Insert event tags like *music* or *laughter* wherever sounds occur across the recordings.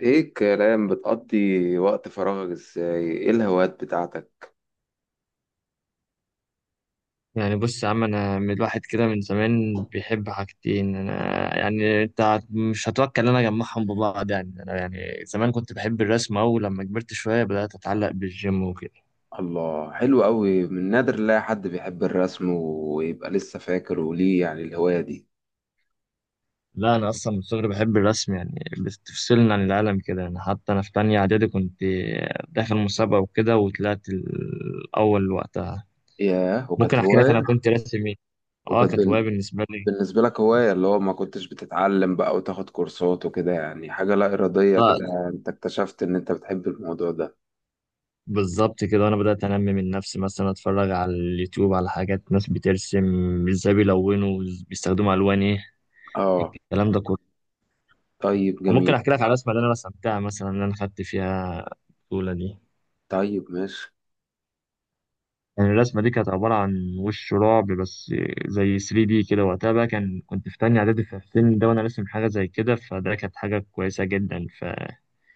ايه الكلام؟ بتقضي وقت فراغك ازاي؟ ايه الهوايات بتاعتك؟ يعني بص يا عم، انا من الواحد كده من زمان بيحب حاجتين. انا يعني انت مش هتوكل انا اجمعهم ببعض. يعني انا يعني زمان كنت بحب الرسم، او لما كبرت شويه بدات اتعلق بالجيم وكده. الله، حلو قوي. من نادر لا حد بيحب الرسم ويبقى لسه فاكر. وليه يعني الهواية دي؟ لا انا اصلا من صغري بحب الرسم، يعني بتفصلني عن العالم كده. يعني حتى انا في تانية اعدادي كنت داخل مسابقه وكده وطلعت الاول وقتها. ياه، ممكن وكانت احكي لك انا هواية. كنت راسم ايه. اه وكانت كانت هوايه بال- بالنسبه لي. بالنسبة لك هواية؟ اللي هو ما كنتش بتتعلم بقى وتاخد كورسات وكده، يعني حاجة لا إرادية آه، كده، يعني انت اكتشفت ان انت بتحب الموضوع ده. بالظبط كده. وانا بدات انمي من نفسي، مثلا اتفرج على اليوتيوب على حاجات ناس بترسم ازاي، بيلونوا بيستخدموا الوان ايه، اه. الكلام ده كله. طيب وممكن جميل. احكي لك على الرسمه اللي انا رسمتها مثلا، اللي انا خدت فيها البطوله دي. طيب ماشي. يعني الرسمه دي كانت عباره عن وش رعب بس زي 3 دي كده. وقتها بقى كان كنت في تانية اعدادي، في السن ده وانا راسم حاجه زي كده، فده كانت حاجه كويسه جدا.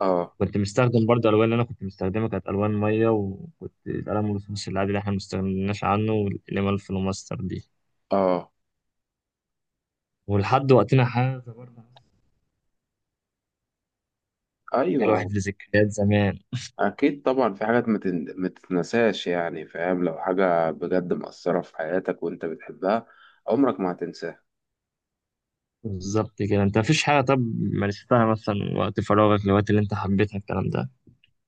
اه. فكنت مستخدم برضه الالوان، اللي انا كنت مستخدمها كانت الوان ميه، وكنت القلم الرصاص العادي اللي احنا ما استغناش عنه، والقلم الفلوماستر دي. اه. ولحد وقتنا هذا برضه كان ايوه. الواحد لذكريات زمان. أكيد طبعا في حاجات ما تتنساش، يعني فاهم؟ لو حاجة بجد مأثرة في حياتك وأنت بتحبها عمرك ما هتنساها. بالظبط كده. انت مفيش حاجة طب مارستها مثلا وقت فراغك، الوقت اللي انت حبيتها، الكلام ده؟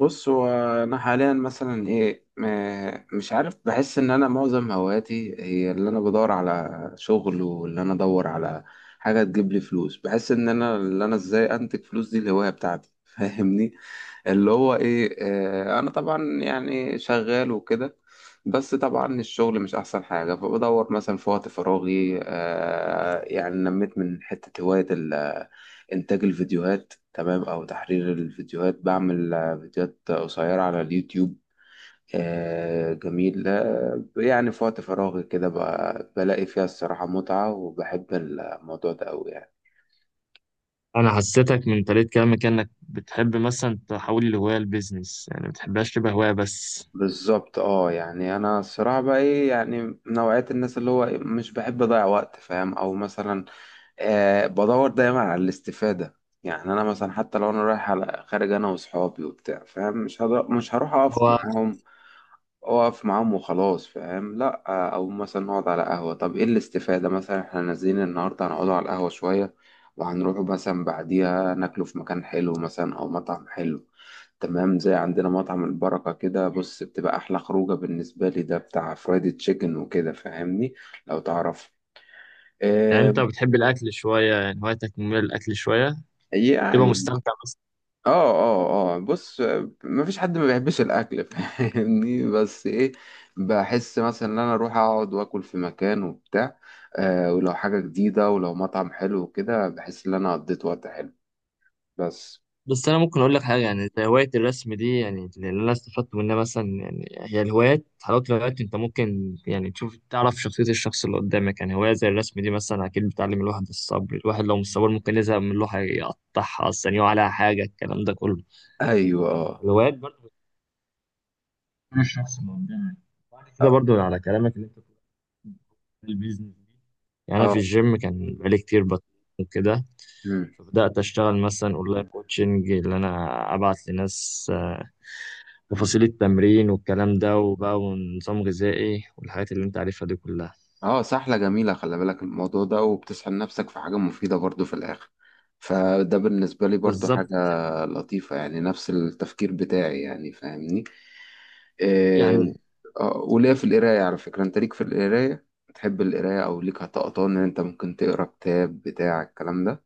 بص، هو أنا حاليا مثلا إيه، مش عارف، بحس إن أنا معظم هواياتي هي اللي أنا بدور على شغل، واللي أنا أدور على حاجة تجيب لي فلوس. بحس إن أنا اللي أنا إزاي أنتج فلوس دي الهواية بتاعتي. *laughs* فاهمني؟ اللي هو ايه، انا طبعا يعني شغال وكده. بس طبعا الشغل مش احسن حاجة، فبدور مثلا في وقت فراغي، يعني نميت من حتة هواية انتاج الفيديوهات، تمام، او تحرير الفيديوهات. بعمل فيديوهات قصيرة على اليوتيوب. آه جميل. آه يعني في وقت فراغي كده بلاقي فيها الصراحة متعة، وبحب الموضوع ده أوي يعني. انا حسيتك من طريقة كلامك انك بتحب مثلا تحول الهواية لبيزنس، يعني ما بتحبهاش تبقى هواية بس. بالظبط. اه يعني انا الصراحه بقى ايه، يعني من نوعيه الناس اللي هو إيه، مش بحب اضيع وقت، فاهم؟ او مثلا بدور دايما على الاستفاده. يعني انا مثلا حتى لو انا رايح على خارج انا واصحابي وبتاع، فاهم، مش هروح اقف هو معاهم. اقف معاهم وخلاص، فاهم؟ لا. او مثلا نقعد على قهوة، طب ايه الاستفادة؟ مثلا احنا نازلين النهاردة هنقعدوا على القهوة شوية، وهنروح مثلا بعديها ناكلوا في مكان حلو، مثلا او مطعم حلو، تمام؟ زي عندنا مطعم البركة كده، بص، بتبقى أحلى خروجة بالنسبة لي، ده بتاع فرايدي تشيكن وكده، فاهمني؟ لو تعرف. يعني انت آه. بتحب الاكل شوية، يعني هوايتك مميلة للاكل شوية، تبقى يعني. مستمتع؟ اه اه اه، بص، مفيش حد ما بيحبش الاكل. *laughs* فاهمني؟ بس ايه، بحس مثلا ان انا اروح اقعد واكل في مكان وبتاع، آه، ولو حاجه جديده، ولو مطعم حلو وكده، بحس ان انا قضيت وقت حلو، بس. بس انا ممكن اقول لك حاجه، يعني زي هوايه الرسم دي يعني اللي انا استفدت منها مثلا. يعني هي الهوايات حلاوه الهوايات انت ممكن يعني تشوف تعرف شخصيه الشخص اللي قدامك. يعني هوايه زي الرسم دي مثلا اكيد بتعلم الواحد الصبر، الواحد لو مش صبور ممكن يزهق من لوحه يقطعها، اصلا يقع عليها حاجه، الكلام ده كله. ايوه. اه. الهوايات برضه بتكون الشخص اللي قدامك. بعد اه. كده برضه على كلامك اللي انت بتقوله، البيزنس دي، يعني انا في آه. الجيم كان بقالي كتير بطل وكده، مم. فبدات اشتغل مثلا اونلاين كوتشنج، اللي انا ابعت لناس مم. تفاصيل التمرين والكلام ده وبقى ونظام غذائي والحاجات اللي انت عارفها دي كلها. اه، سحلة جميلة. خلي بالك الموضوع ده، وبتسحل نفسك في حاجة مفيدة برضو في الآخر، فده بالنسبة لي برضو بالظبط. حاجة لطيفة، يعني نفس التفكير بتاعي، يعني فاهمني؟ يعني إيه. آه، وليا في القراية على فكرة، انت ليك في القراية؟ تحب القراية؟ او ليك هتقطان ان انت ممكن تقرا كتاب بتاع الكلام ده؟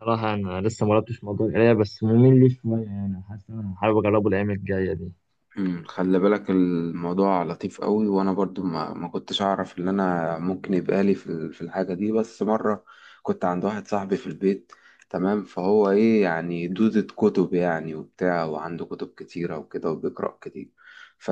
صراحة أنا لسه ما جربتش موضوع القراية، بس ممل لي شوية، يعني حاسس إن أنا حابب أجربه الأيام الجاية دي. مم، خلي بالك الموضوع لطيف قوي، وانا برضو ما كنتش اعرف ان انا ممكن يبقى لي في في الحاجه دي، بس مره كنت عند واحد صاحبي في البيت، تمام، فهو ايه، يعني دودة كتب يعني، وبتاع، وعنده كتب كتيره وكده، وبيقرا كتير، ف،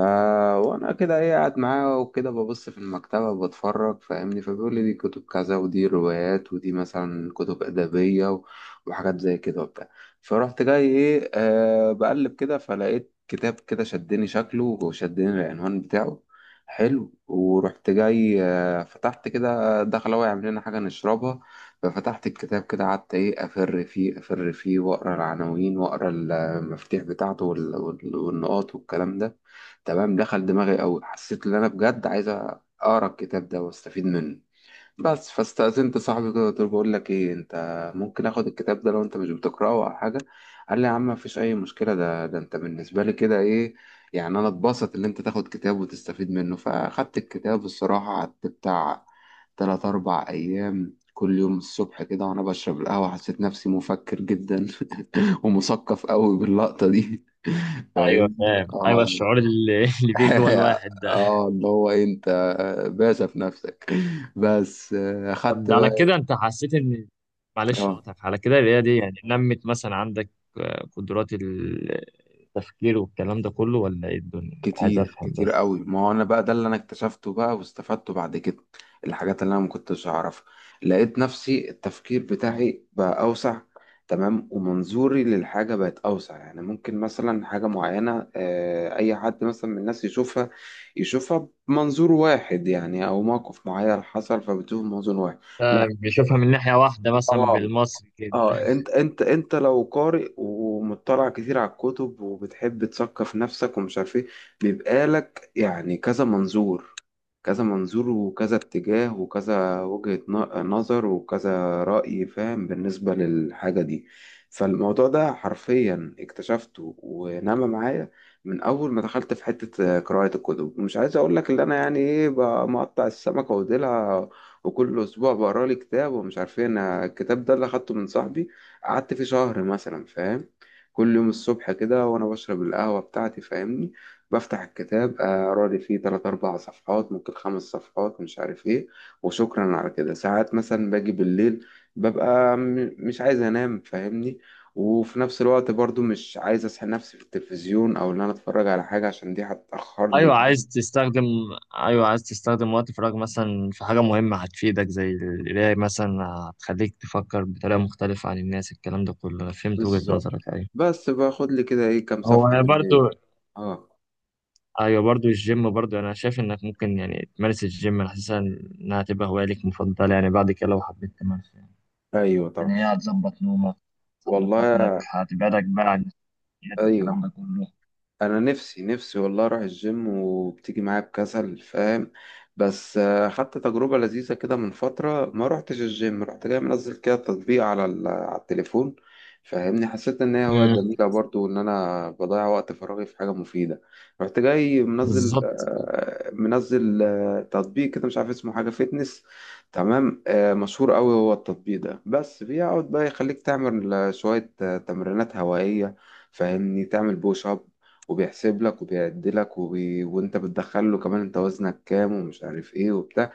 وانا كده ايه، قاعد معاه وكده ببص في المكتبه بتفرج، فاهمني؟ فبيقول لي دي كتب كذا، ودي روايات، ودي مثلا كتب ادبيه، وحاجات زي كده وبتاع. فرحت جاي ايه، آه، بقلب كده، فلقيت كتاب كده شدني شكله وشدني العنوان بتاعه، حلو، ورحت جاي، آه، فتحت كده. دخل هو يعمل لنا حاجة نشربها، ففتحت الكتاب كده، قعدت ايه، أفر فيه، أفر فيه، وأقرأ العناوين، وأقرأ المفاتيح بتاعته، والنقاط والكلام ده، تمام، دخل دماغي أوي. حسيت إن أنا بجد عايز أقرأ الكتاب ده وأستفيد منه، بس. فاستأذنت صاحبي كده، قلت له بقول لك ايه، انت ممكن اخد الكتاب ده لو انت مش بتقراه او حاجه؟ قال لي يا عم، مفيش اي مشكله، ده انت بالنسبه لي كده ايه، يعني انا اتبسط ان انت تاخد كتاب وتستفيد منه. فاخدت الكتاب الصراحه، قعدت بتاع تلات اربع ايام، كل يوم الصبح كده وانا بشرب القهوه، حسيت نفسي مفكر جدا *laughs* ومثقف قوي باللقطه دي. *laughs* أيوه فاهم؟ فاهم، أيوه اه. الشعور *laughs* اللي بيجي جوه الواحد *laughs* ده. اه اللي هو إيه، انت باشا في نفسك، بس. آه، طب اخدت ده على بقى. كده أنت حسيت إن، معلش اه. أقطعك على كده، القراية دي يعني نمت مثلا عندك قدرات التفكير والكلام ده كله، ولا إيه الدنيا؟ عايز كتير أفهم كتير بس. قوي. ما هو انا بقى ده اللي انا اكتشفته بقى واستفدته بعد كده، الحاجات اللي انا ما كنتش اعرفها. لقيت نفسي التفكير بتاعي بقى اوسع، تمام، ومنظوري للحاجة بقت اوسع. يعني ممكن مثلا حاجة معينة، آه، اي حد مثلا من الناس يشوفها يشوفها بمنظور واحد، يعني او موقف معين حصل فبتشوف منظور واحد. لا. آه، بيشوفها من ناحية واحدة اه. مثلا، آه. بالمصري كده. اه، انت انت انت لو قارئ ومطلع كتير على الكتب وبتحب تثقف نفسك ومش عارف ايه، بيبقى لك يعني كذا منظور، كذا منظور، وكذا اتجاه، وكذا وجهة نظر، وكذا رأي، فاهم؟ بالنسبة للحاجة دي فالموضوع ده حرفيا اكتشفته ونما معايا من أول ما دخلت في حتة قراءة الكتب. ومش عايز أقول لك اللي أنا يعني إيه بقى، مقطع السمكة وديلها، وكل أسبوع بقرا لي كتاب ومش عارف إيه. أنا الكتاب ده اللي أخدته من صاحبي قعدت فيه شهر مثلا، فاهم؟ كل يوم الصبح كده وأنا بشرب القهوة بتاعتي، فاهمني؟ بفتح الكتاب، اقرا لي فيه تلات اربع صفحات، ممكن خمس صفحات، مش عارف ايه، وشكرا على كده. ساعات مثلا باجي بالليل، ببقى مش عايز انام، فاهمني؟ وفي نفس الوقت برضو مش عايز اسحب نفسي في التلفزيون، او ان انا اتفرج على حاجة عشان دي ايوه هتأخرني. عايز تستخدم، ايوه عايز تستخدم وقت فراغ مثلا في حاجه مهمه هتفيدك زي القرايه مثلا، هتخليك تفكر بطريقه مختلفه عن الناس، الكلام ده كله. انا فهمت وجهه بالظبط. نظرك، ايوه. بس باخد لي كده ايه كام هو صفحة انا بالليل. برضو، اه. ايوه برضو الجيم. برضو انا شايف انك ممكن يعني تمارس الجيم، انا حاسسها انها تبقى هوايه ليك مفضله يعني بعد كده لو حبيت تمارسها. ايوه طبعا. يعني هي هتظبط نومك، هتظبط اكلك، والله. هتبعدك بقى عن السكريات، الكلام ايوه. ده كله. انا نفسي نفسي والله اروح الجيم، وبتيجي معايا بكسل، فاهم؟ بس آه، خدت تجربة لذيذة كده من فترة. ما روحتش الجيم، رحت جاي منزل كده تطبيق على على التليفون، فاهمني؟ حسيت ان هي هواية مم. جميلة برضو، وان انا بضيع وقت فراغي في حاجة مفيدة. رحت جاي منزل بالظبط. آه، منزل آه، تطبيق كده مش عارف اسمه، حاجة فيتنس، تمام، آه، مشهور قوي هو التطبيق ده. بس بيقعد بقى يخليك تعمل شوية تمرينات هوائية، فاهمني؟ تعمل بوش اب، وبيحسب لك، وبيعدلك، وانت بتدخل له كمان انت وزنك كام ومش عارف ايه وبتاع،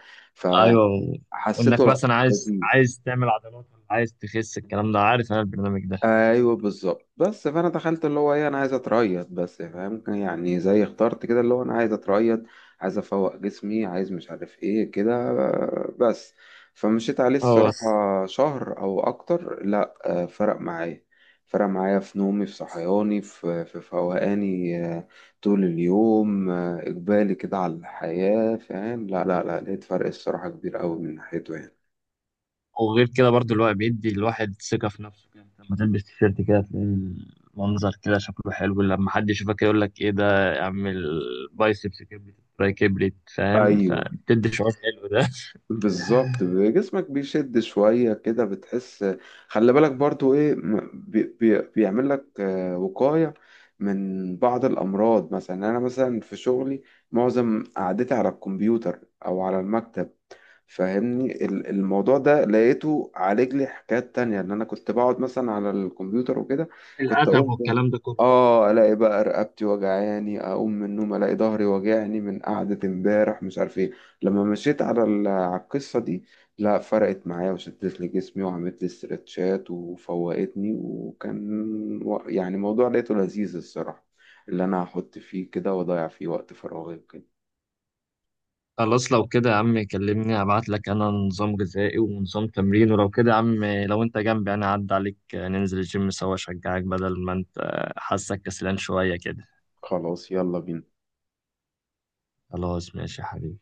ايوه. فحسيته وانك لأ، مثلا عايز لذيذ. عايز تعمل عضلات ولا عايز تخس، الكلام ده، عارف انا البرنامج ده. ايوه بالظبط، بس فانا دخلت اللي هو ايه، انا عايز اتريض بس، فاهم؟ يعني زي اخترت كده اللي هو انا عايز اتريض، عايز افوق جسمي، عايز مش عارف ايه كده، آه، بس. فمشيت عليه اه بس. الصراحة شهر او اكتر، لا آه، فرق معايا. فرق معايا في نومي، في صحياني، في فوقاني، آه، طول اليوم، آه، اقبالي كده على الحياة، فاهم؟ لا لا لا، لقيت فرق الصراحة كبير قوي من ناحيته يعني. وغير كده برضو، الوقت بيدي الواحد ثقة في نفسه كده، لما تلبس تيشيرت كده تلاقي المنظر كده شكله حلو، لما حد يشوفك يقول لك ايه ده، اعمل بايسبس كبريت تراي كبريت، فاهم؟ ايوه فبتدي شعور حلو ده. *laughs* بالظبط، جسمك بيشد شوية كده، بتحس. خلي بالك برضو ايه، م- بي بي بيعمل لك آه، وقاية من بعض الأمراض، مثلا أنا مثلا في شغلي معظم قعدتي على الكمبيوتر أو على المكتب، فاهمني؟ الموضوع ده لقيته عالج لي حكايات تانية، ان انا كنت بقعد مثلا على الكمبيوتر وكده، كنت الأدب اقوم والكلام ده كله. الاقي بقى رقبتي وجعاني، اقوم من النوم الاقي ظهري وجعني من قعدة امبارح، مش عارف ايه. لما مشيت على على القصة دي، لا فرقت معايا وشدت لي جسمي، وعملت لي استرتشات وفوقتني، يعني موضوع لقيته لذيذ الصراحة، اللي انا هحط فيه كده واضيع فيه وقت فراغي وكده. خلاص لو كده يا عم كلمني، هبعت لك انا نظام غذائي ونظام تمرين. ولو كده يا عم لو انت جنبي انا هعدي عليك، ننزل الجيم سوا اشجعك، بدل ما انت حاسك كسلان شوية كده. خلاص يلا بينا. خلاص ماشي يا حبيبي.